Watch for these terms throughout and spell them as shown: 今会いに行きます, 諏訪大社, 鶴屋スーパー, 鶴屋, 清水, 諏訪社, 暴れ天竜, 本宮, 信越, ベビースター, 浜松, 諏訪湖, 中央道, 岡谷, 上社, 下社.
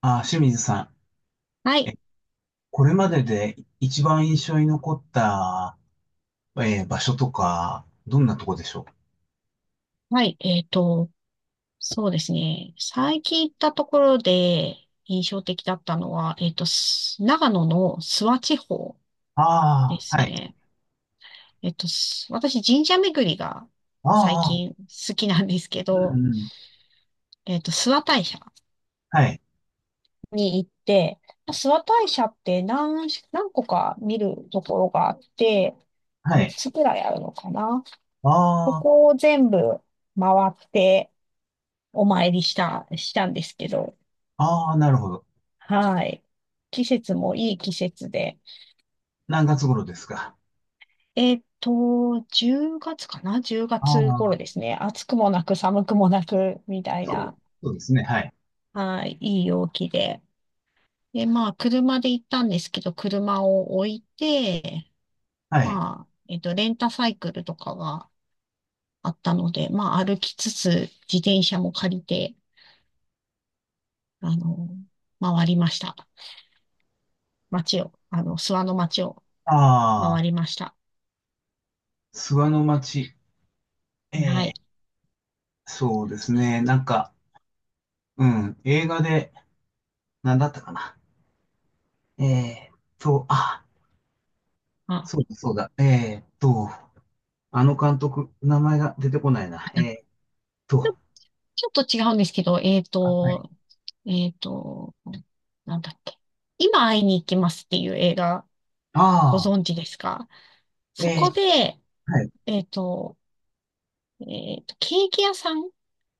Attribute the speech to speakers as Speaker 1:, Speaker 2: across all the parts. Speaker 1: 清水さ
Speaker 2: は
Speaker 1: ん、
Speaker 2: い。
Speaker 1: これまでで一番印象に残った、場所とか、どんなとこでしょう？
Speaker 2: はい。そうですね。最近行ったところで印象的だったのは、長野の諏訪地方で
Speaker 1: ああ
Speaker 2: す
Speaker 1: ー、はい。
Speaker 2: ね。私、神社巡りが最
Speaker 1: ああ、
Speaker 2: 近好きなんですけ
Speaker 1: う
Speaker 2: ど、
Speaker 1: んうん。
Speaker 2: 諏訪大社
Speaker 1: はい、
Speaker 2: に行って、諏訪大社って何個か見るところがあって、
Speaker 1: は
Speaker 2: 3
Speaker 1: い。
Speaker 2: つくらいあるのかな。そ
Speaker 1: ああ、
Speaker 2: こを全部回ってお参りしたんですけど、
Speaker 1: ああ、なるほど。
Speaker 2: はい。季節もいい季節で。
Speaker 1: 何月頃ですか？
Speaker 2: えっと、10月かな？ 10
Speaker 1: あ
Speaker 2: 月頃で
Speaker 1: あ、
Speaker 2: すね。暑くもなく寒くもなく、みたい
Speaker 1: そう、
Speaker 2: な、
Speaker 1: そうですね。はい、
Speaker 2: はい、いい陽気で。で、まあ、車で行ったんですけど、車を置いて、
Speaker 1: はい。
Speaker 2: まあ、レンタサイクルとかがあったので、まあ、歩きつつ、自転車も借りて、あの、回りました。街を、あの、諏訪の街を
Speaker 1: あ
Speaker 2: 回
Speaker 1: あ、
Speaker 2: りました。
Speaker 1: 諏訪の町。え
Speaker 2: はい。
Speaker 1: え、そうですね。なんか、うん、映画で、何だったかな。ええと、あ、
Speaker 2: あ
Speaker 1: そうだ、そうだ。あの監督、名前が出てこないな。と、
Speaker 2: ちょっと違うんですけど、
Speaker 1: あ、はい。
Speaker 2: えっと、なんだっけ。今会いに行きますっていう映画、ご
Speaker 1: あ
Speaker 2: 存知ですか？
Speaker 1: あ、
Speaker 2: そこで、
Speaker 1: はい、
Speaker 2: えっと、ケーキ屋さん、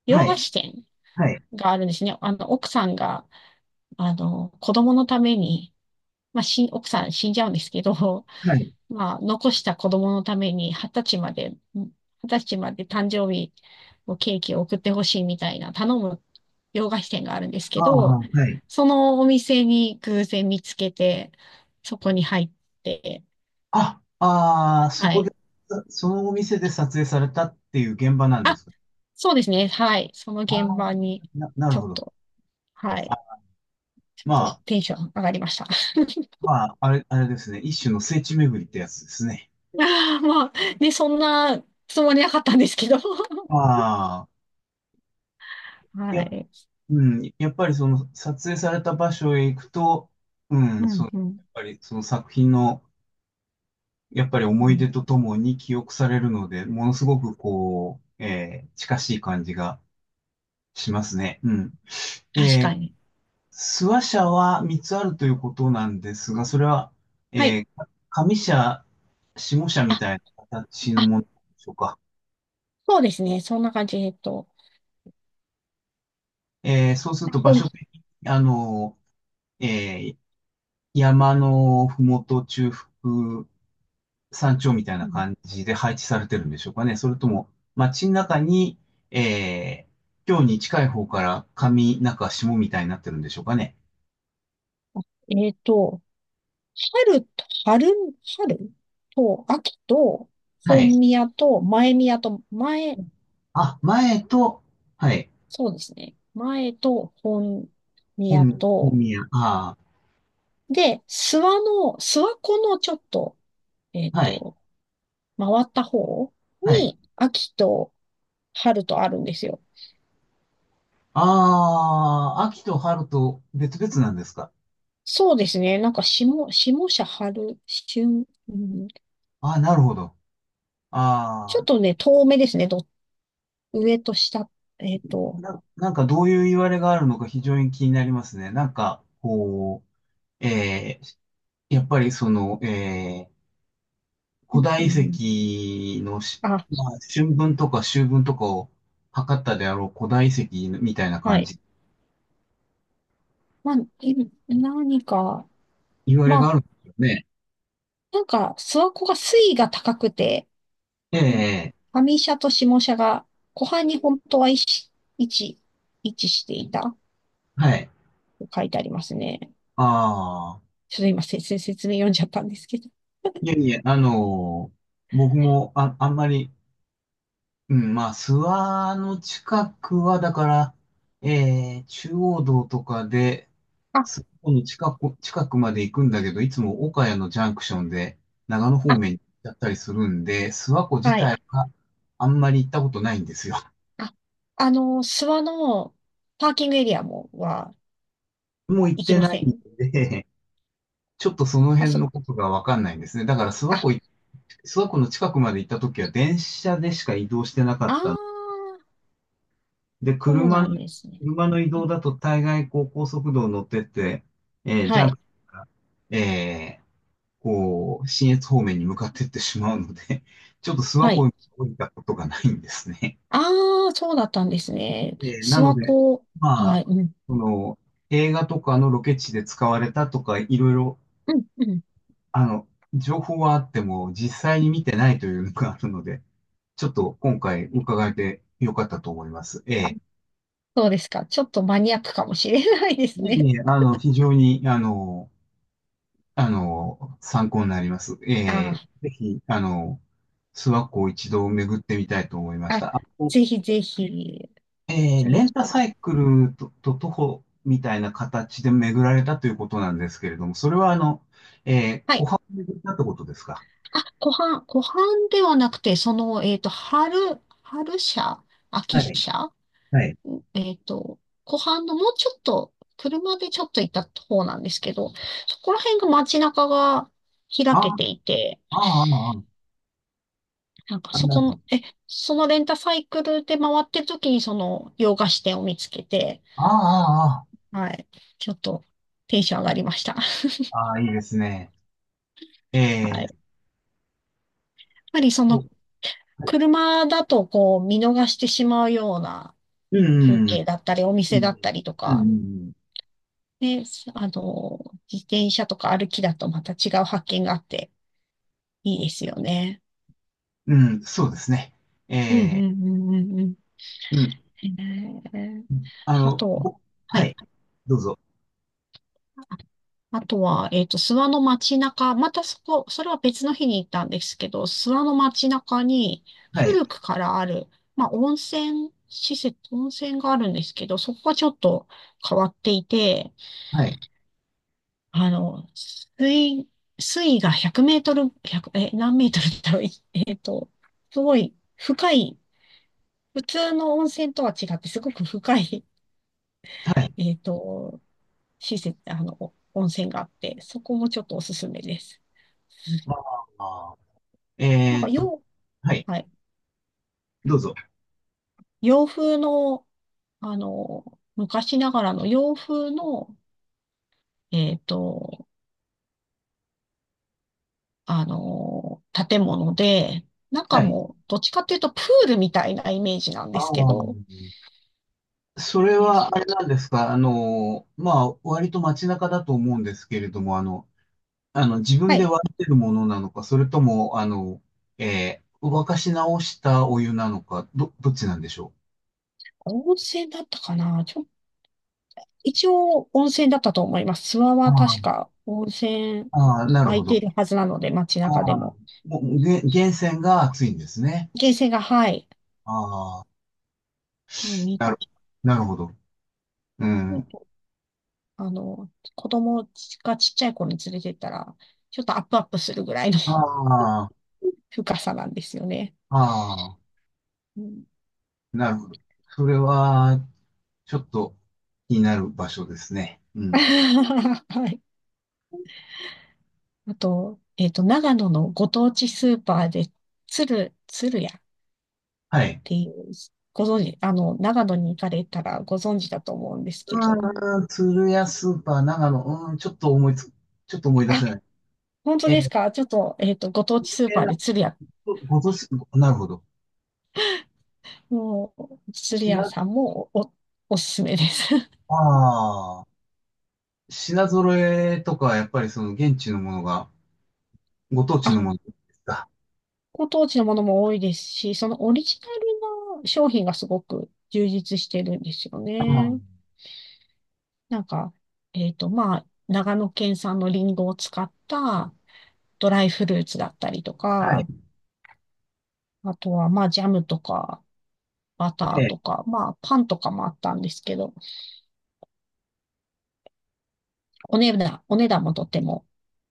Speaker 2: 洋
Speaker 1: はい、
Speaker 2: 菓子店
Speaker 1: はい、
Speaker 2: があるんですね。奥さんが、子供のために、奥さん死んじゃうんですけど、
Speaker 1: はい。
Speaker 2: まあ、残した子供のために、二十歳まで誕生日のケーキを送ってほしいみたいな頼む洋菓子店があるんです
Speaker 1: あ
Speaker 2: け
Speaker 1: あ、
Speaker 2: ど、
Speaker 1: はい。
Speaker 2: そのお店に偶然見つけて、そこに入って、
Speaker 1: ああ、
Speaker 2: はい。
Speaker 1: そのお店で撮影されたっていう現場なんで
Speaker 2: あ、
Speaker 1: すか？
Speaker 2: そうですね。はい。その
Speaker 1: あ
Speaker 2: 現
Speaker 1: あ、
Speaker 2: 場に、
Speaker 1: なる
Speaker 2: ちょ
Speaker 1: ほ
Speaker 2: っ
Speaker 1: ど。
Speaker 2: と、はい。
Speaker 1: あ、
Speaker 2: ちょっ
Speaker 1: ま
Speaker 2: と
Speaker 1: あ、
Speaker 2: テンション上がりました。
Speaker 1: あれですね。一種の聖地巡りってやつですね。
Speaker 2: いやー、まあ、ね、そんなつもりなかったんですけど。
Speaker 1: ああ、
Speaker 2: は
Speaker 1: や、
Speaker 2: い。
Speaker 1: うん、やっぱりその撮影された場所へ行くと、う
Speaker 2: う
Speaker 1: ん、そう、
Speaker 2: ん、う
Speaker 1: や
Speaker 2: ん、
Speaker 1: っぱりその作品のやっぱり思
Speaker 2: う
Speaker 1: い
Speaker 2: ん。
Speaker 1: 出とともに記憶されるので、ものすごくこう、近しい感じがしますね。うん。
Speaker 2: 確
Speaker 1: えー、
Speaker 2: かに。
Speaker 1: 諏訪社は3つあるということなんですが、それは、
Speaker 2: はい。
Speaker 1: 上社、下社み
Speaker 2: あ、
Speaker 1: たいな形の
Speaker 2: あ、
Speaker 1: ものでしょうか？
Speaker 2: そうですね。そんな感じ。えっと、
Speaker 1: そうすると場
Speaker 2: ほん、
Speaker 1: 所的に、あの、えー山のふもと中腹山頂みたい
Speaker 2: う
Speaker 1: な
Speaker 2: ん
Speaker 1: 感じで配置されてるんでしょうかね。それとも、街の中に、え今日に近い方から上中下みたいになってるんでしょうかね。
Speaker 2: えっと、春と、春、春と、秋と、
Speaker 1: はい。
Speaker 2: 本宮と、前宮と、
Speaker 1: 前と、はい。
Speaker 2: そうですね。前と、本宮
Speaker 1: 本
Speaker 2: と、
Speaker 1: 宮。あ
Speaker 2: で、諏訪湖のちょっと、えっ
Speaker 1: あ、はい。
Speaker 2: と、回った方
Speaker 1: はい。
Speaker 2: に、秋と、春とあるんですよ。
Speaker 1: ああ、秋と春と別々なんですか？
Speaker 2: そうですね。下社春、春、うん、
Speaker 1: ああ、なるほど。
Speaker 2: ち
Speaker 1: あ
Speaker 2: ょっ
Speaker 1: あ、
Speaker 2: とね、遠目ですね。上と下、えっと、
Speaker 1: なんかどういういわれがあるのか非常に気になりますね。なんか、こう、やっぱりその、ー
Speaker 2: う
Speaker 1: 古
Speaker 2: んう
Speaker 1: 代遺
Speaker 2: ん、
Speaker 1: 跡の
Speaker 2: あ、
Speaker 1: まあ、春分とか秋分とかを測ったであろう古代遺跡みたいな
Speaker 2: は
Speaker 1: 感
Speaker 2: い。
Speaker 1: じ、
Speaker 2: まあ、い何か、
Speaker 1: 言われ
Speaker 2: ま
Speaker 1: があ
Speaker 2: あ、
Speaker 1: るんですよね。
Speaker 2: なんか、諏訪湖が水位が高くて、
Speaker 1: え
Speaker 2: うん
Speaker 1: え、
Speaker 2: 上社と下社が湖畔に本当は位置位置していた
Speaker 1: はい。
Speaker 2: と書いてありますね。
Speaker 1: ああ、
Speaker 2: ちょっと今、説明読んじゃったんですけど。
Speaker 1: いやいや、僕も、あんまり、うん、まあ、諏訪の近くは、だから、ええ、中央道とかで、
Speaker 2: あ、
Speaker 1: この近く、近くまで行くんだけど、いつも岡谷のジャンクションで長野方
Speaker 2: あ、
Speaker 1: 面に行っちゃったりするんで、諏訪湖自
Speaker 2: は
Speaker 1: 体
Speaker 2: い。
Speaker 1: はあんまり行ったことないんですよ。
Speaker 2: あ、諏訪のパーキングエリアも、
Speaker 1: もう行っ
Speaker 2: 行き
Speaker 1: て
Speaker 2: ま
Speaker 1: な
Speaker 2: せ
Speaker 1: いん
Speaker 2: ん。
Speaker 1: で、ちょっとその
Speaker 2: あ、
Speaker 1: 辺
Speaker 2: そ、
Speaker 1: のことがわかんないんですね。だから
Speaker 2: あ、
Speaker 1: 諏訪湖の近くまで行った時は電車でしか移動してなか
Speaker 2: あ
Speaker 1: っ
Speaker 2: ー、
Speaker 1: たので、
Speaker 2: そうなんですね。
Speaker 1: 車の移
Speaker 2: う
Speaker 1: 動
Speaker 2: ん、
Speaker 1: だと大概こう高速道を乗ってって、ジ
Speaker 2: は
Speaker 1: ャンク
Speaker 2: い、
Speaker 1: ションえーこう、信越方面に向かっていってしまうので、ちょっと諏訪
Speaker 2: は
Speaker 1: 湖
Speaker 2: い。
Speaker 1: に降りたことがないんですね。
Speaker 2: あー、そうだったんですね。諏
Speaker 1: なの
Speaker 2: 訪
Speaker 1: で、
Speaker 2: 湖、
Speaker 1: まあ、
Speaker 2: はい、うん、
Speaker 1: その、映画とかのロケ地で使われたとか、いろいろ、
Speaker 2: うん、うん。
Speaker 1: あの、情報はあっても、実際に見てないというのがあるので、ちょっと今回伺えてよかったと思います。え
Speaker 2: あ、
Speaker 1: え。
Speaker 2: そうですか。ちょっとマニアックかもしれないです
Speaker 1: い
Speaker 2: ね。
Speaker 1: えいえあの、非常に、あの、あの、参考になります。ええ、
Speaker 2: あ
Speaker 1: ぜひ、あの、諏訪湖を一度巡ってみたいと思いま
Speaker 2: ー、
Speaker 1: し
Speaker 2: あ、
Speaker 1: た。
Speaker 2: ぜひぜひ、すご
Speaker 1: レ
Speaker 2: く。
Speaker 1: ンタサイクルと徒歩みたいな形で巡られたということなんですけれども、それはあの、
Speaker 2: は
Speaker 1: 湖
Speaker 2: い。
Speaker 1: 畔を巡ったってことですか？
Speaker 2: あ、湖畔ではなくて、その、春社、
Speaker 1: は
Speaker 2: 秋
Speaker 1: い、
Speaker 2: 社、
Speaker 1: はい。
Speaker 2: えっと、湖畔のもうちょっと、車でちょっと行った方なんですけど、そこら辺が街中が開
Speaker 1: あ
Speaker 2: け
Speaker 1: あ、
Speaker 2: ていて、
Speaker 1: ああ、ああ、
Speaker 2: なんかそ
Speaker 1: なる
Speaker 2: こ
Speaker 1: ほ
Speaker 2: の、
Speaker 1: ど。
Speaker 2: え、そのレンタサイクルで回ってる時にその洋菓子店を見つけて、
Speaker 1: ああ、あ
Speaker 2: はい、ちょっとテンション上がりました。
Speaker 1: あ、ああ、いいですね。え
Speaker 2: はい。
Speaker 1: ー、
Speaker 2: やっぱりそ
Speaker 1: そ
Speaker 2: の
Speaker 1: う、はい。
Speaker 2: 車だとこう見逃してしまうような
Speaker 1: う
Speaker 2: 風
Speaker 1: ん、うん、
Speaker 2: 景だったり、お
Speaker 1: う
Speaker 2: 店だ
Speaker 1: ん、
Speaker 2: ったりと
Speaker 1: う
Speaker 2: か、
Speaker 1: ん、
Speaker 2: ね、あの、自転車とか歩きだとまた違う発見があっていいですよね。
Speaker 1: うんうんそうですね。
Speaker 2: うんうん
Speaker 1: え
Speaker 2: うんうんうん。
Speaker 1: うん、
Speaker 2: えー、
Speaker 1: あ
Speaker 2: あ
Speaker 1: の、
Speaker 2: とは、
Speaker 1: ぼ、
Speaker 2: は
Speaker 1: は
Speaker 2: い。
Speaker 1: い、どうぞ。
Speaker 2: ああとは、諏訪の街中、またそこ、それは別の日に行ったんですけど、諏訪の街中に
Speaker 1: はい、
Speaker 2: 古くからある、まあ、温泉があるんですけど、そこがちょっと変わっていて、
Speaker 1: はい、
Speaker 2: あの、水、水位が100メートル、1え、何メートルだろう、えっと、すごい深い、普通の温泉とは違って、すごく深い、
Speaker 1: はい。
Speaker 2: えっと、施設、お温泉があって、そこもちょっとおすすめです。
Speaker 1: ああ、
Speaker 2: なん
Speaker 1: え
Speaker 2: か
Speaker 1: ーと、
Speaker 2: 洋、
Speaker 1: はい、
Speaker 2: はい、
Speaker 1: どうぞ。
Speaker 2: 洋風の、あの、昔ながらの洋風の、えっと、建物で、中
Speaker 1: はい
Speaker 2: も、どっちかっていうとプールみたいなイメージなん
Speaker 1: あ
Speaker 2: ですけ
Speaker 1: あ、
Speaker 2: ど、
Speaker 1: それ
Speaker 2: えそ
Speaker 1: はあれなんですか、あの、まあ、割と街中だと思うんですけれども、あの、あの、自
Speaker 2: は
Speaker 1: 分で
Speaker 2: い、
Speaker 1: 割ってるものなのか、それとも、あの、沸かし直したお湯なのか、どっちなんでしょ
Speaker 2: 温泉だったかな。一応温泉だったと思います。諏訪
Speaker 1: う？
Speaker 2: は
Speaker 1: あ
Speaker 2: 確か温泉
Speaker 1: あ、ああ、なる
Speaker 2: 空
Speaker 1: ほ
Speaker 2: いてい
Speaker 1: ど。
Speaker 2: るはずなので、街
Speaker 1: あ
Speaker 2: 中で
Speaker 1: あ、
Speaker 2: も。
Speaker 1: もう、源泉が熱いんですね。
Speaker 2: 源泉が、はい、
Speaker 1: ああ、
Speaker 2: もう見
Speaker 1: なる、
Speaker 2: た
Speaker 1: なるほど。う
Speaker 2: こ
Speaker 1: ん。
Speaker 2: と子供が、ちっちゃい子に連れてったら、ちょっとアップアップするぐらいの
Speaker 1: ああ、
Speaker 2: 深さなんですよね。
Speaker 1: ああ、
Speaker 2: うん
Speaker 1: なるほど。それは、ちょっと気になる場所ですね。う ん。
Speaker 2: はい。あと、長野のご当地スーパーで、鶴屋っ
Speaker 1: はい。
Speaker 2: ていう、ご存知、長野に行かれたらご存知だと思うんですけど、
Speaker 1: うん、鶴屋スーパー、長野、うん、ちょっと思い出せな
Speaker 2: あ、
Speaker 1: い。
Speaker 2: 本当
Speaker 1: え
Speaker 2: です
Speaker 1: ー、
Speaker 2: か？ちょっと、ご当
Speaker 1: 有
Speaker 2: 地スー
Speaker 1: 名
Speaker 2: パー
Speaker 1: な
Speaker 2: で鶴屋、
Speaker 1: ご存知、なるほど。
Speaker 2: もう、鶴
Speaker 1: 品、
Speaker 2: 屋
Speaker 1: あ
Speaker 2: さんもおすすめです。
Speaker 1: あ、品揃えとか、やっぱりその現地のものが、ご当地
Speaker 2: あ、
Speaker 1: のものですか？
Speaker 2: ご当地のものも多いですし、そのオリジナルの商品がすごく充実してるんですよ
Speaker 1: あ
Speaker 2: ね。
Speaker 1: あ、
Speaker 2: なんか、まあ、長野県産のリンゴを使ったドライフルーツだったりと
Speaker 1: はい。
Speaker 2: か、あとは、まあ、ジャムとか、バ
Speaker 1: え
Speaker 2: ター
Speaker 1: え、
Speaker 2: とか、まあ、パンとかもあったんですけど、お値段もとても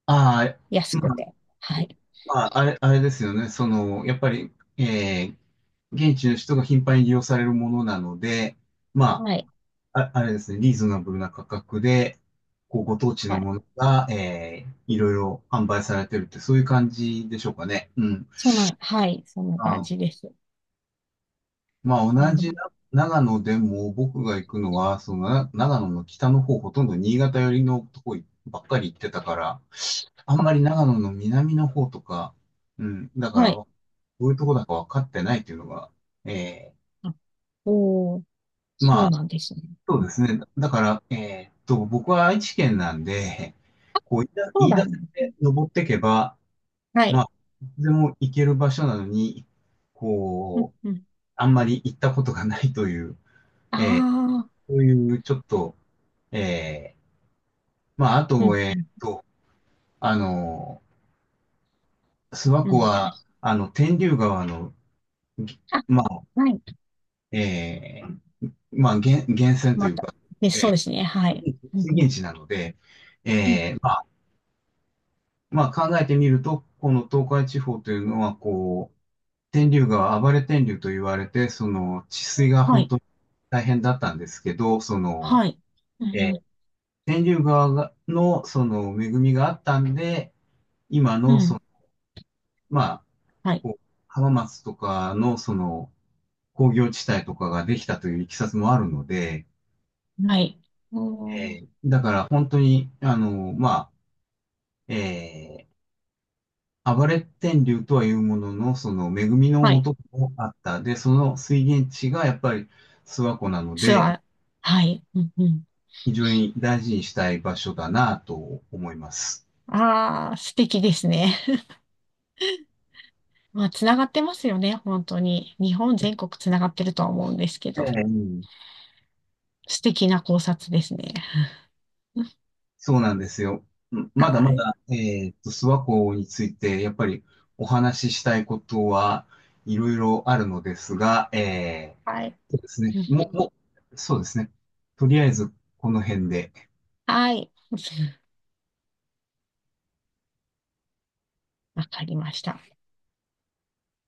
Speaker 1: ああ、
Speaker 2: 安
Speaker 1: ま
Speaker 2: く
Speaker 1: あ、
Speaker 2: て、はい。
Speaker 1: あれですよね。その、やっぱり、ええ、現地の人が頻繁に利用されるものなので、ま
Speaker 2: はい。
Speaker 1: あ、あれですね、リーズナブルな価格で、こう、ご当地
Speaker 2: は
Speaker 1: の
Speaker 2: い。
Speaker 1: ものが、いろいろ販売されてるって、そういう感じでしょうかね。うん。
Speaker 2: そんな、はい。そんな感
Speaker 1: あ、
Speaker 2: じです。
Speaker 1: まあ、
Speaker 2: あ
Speaker 1: 同
Speaker 2: の、
Speaker 1: じ長野でも、僕が行くのは、その、長野の北の方、ほとんど新潟寄りのとこばっかり行ってたから、あん
Speaker 2: あ、
Speaker 1: まり長野の南の方とか、うん、だから、
Speaker 2: はい。
Speaker 1: どういうとこだか分かってないっていうのが、え
Speaker 2: あ、おー、そ
Speaker 1: ま
Speaker 2: う
Speaker 1: あ、
Speaker 2: なんですね。
Speaker 1: そうですね。だから、僕は愛知県なんで、こう、
Speaker 2: そ
Speaker 1: 言
Speaker 2: う
Speaker 1: い出
Speaker 2: な
Speaker 1: せ
Speaker 2: んですね。
Speaker 1: て登っていけば、
Speaker 2: は
Speaker 1: ま
Speaker 2: い。
Speaker 1: あ、いつでも行ける場所なのに、
Speaker 2: うん
Speaker 1: こう、
Speaker 2: うん。
Speaker 1: あんまり行ったことがないという、
Speaker 2: あ
Speaker 1: えー
Speaker 2: あ、
Speaker 1: そういうちょっと、えーまあ、あ
Speaker 2: う
Speaker 1: と、
Speaker 2: んうん、
Speaker 1: あの、諏訪
Speaker 2: うん、
Speaker 1: 湖
Speaker 2: う
Speaker 1: は、
Speaker 2: ん。
Speaker 1: あの、天竜川の、ぎ
Speaker 2: あ、
Speaker 1: まあ、
Speaker 2: はい。
Speaker 1: えーまあ、源泉とい
Speaker 2: ま
Speaker 1: う
Speaker 2: た。
Speaker 1: か、
Speaker 2: で、そうですね。はい。うん、
Speaker 1: 水
Speaker 2: うん、
Speaker 1: 源地なので、
Speaker 2: うん。
Speaker 1: まあまあ考えてみると、この東海地方というのは、こう、天竜川、暴れ天竜と言われて、その治水が
Speaker 2: は
Speaker 1: 本
Speaker 2: い。
Speaker 1: 当に大変だったんですけど、その、
Speaker 2: はい。う
Speaker 1: えー
Speaker 2: ん、
Speaker 1: 天竜川がの、その恵みがあったんで、今
Speaker 2: うん、
Speaker 1: の、
Speaker 2: う
Speaker 1: その、
Speaker 2: ん。
Speaker 1: まあ、
Speaker 2: はい。
Speaker 1: こう、浜松とかの、その、工業地帯とかができたといういきさつもあるので、
Speaker 2: はい。おー、
Speaker 1: だから本当に、あの、まあ、えー暴れ天竜とはいうものの、その恵みのう
Speaker 2: はい。
Speaker 1: 元もあった。で、その水源地がやっぱり諏訪湖なの
Speaker 2: ツア
Speaker 1: で、
Speaker 2: ー。はい。うん、うん。
Speaker 1: 非常に大事にしたい場所だなと思います。
Speaker 2: ああ、素敵ですね。まあ、つながってますよね。本当に。日本全国つながってるとは思うんですけ
Speaker 1: え
Speaker 2: ど。
Speaker 1: え、うん、
Speaker 2: 素敵な考察ですね。
Speaker 1: そうなんですよ。うんまだ
Speaker 2: は
Speaker 1: ま
Speaker 2: い。
Speaker 1: だ、諏訪湖について、やっぱりお話ししたいことはいろいろあるのですが、
Speaker 2: はい。
Speaker 1: そうですね。
Speaker 2: うん、
Speaker 1: そうですね。とりあえず、この辺で。
Speaker 2: はい。わかりました。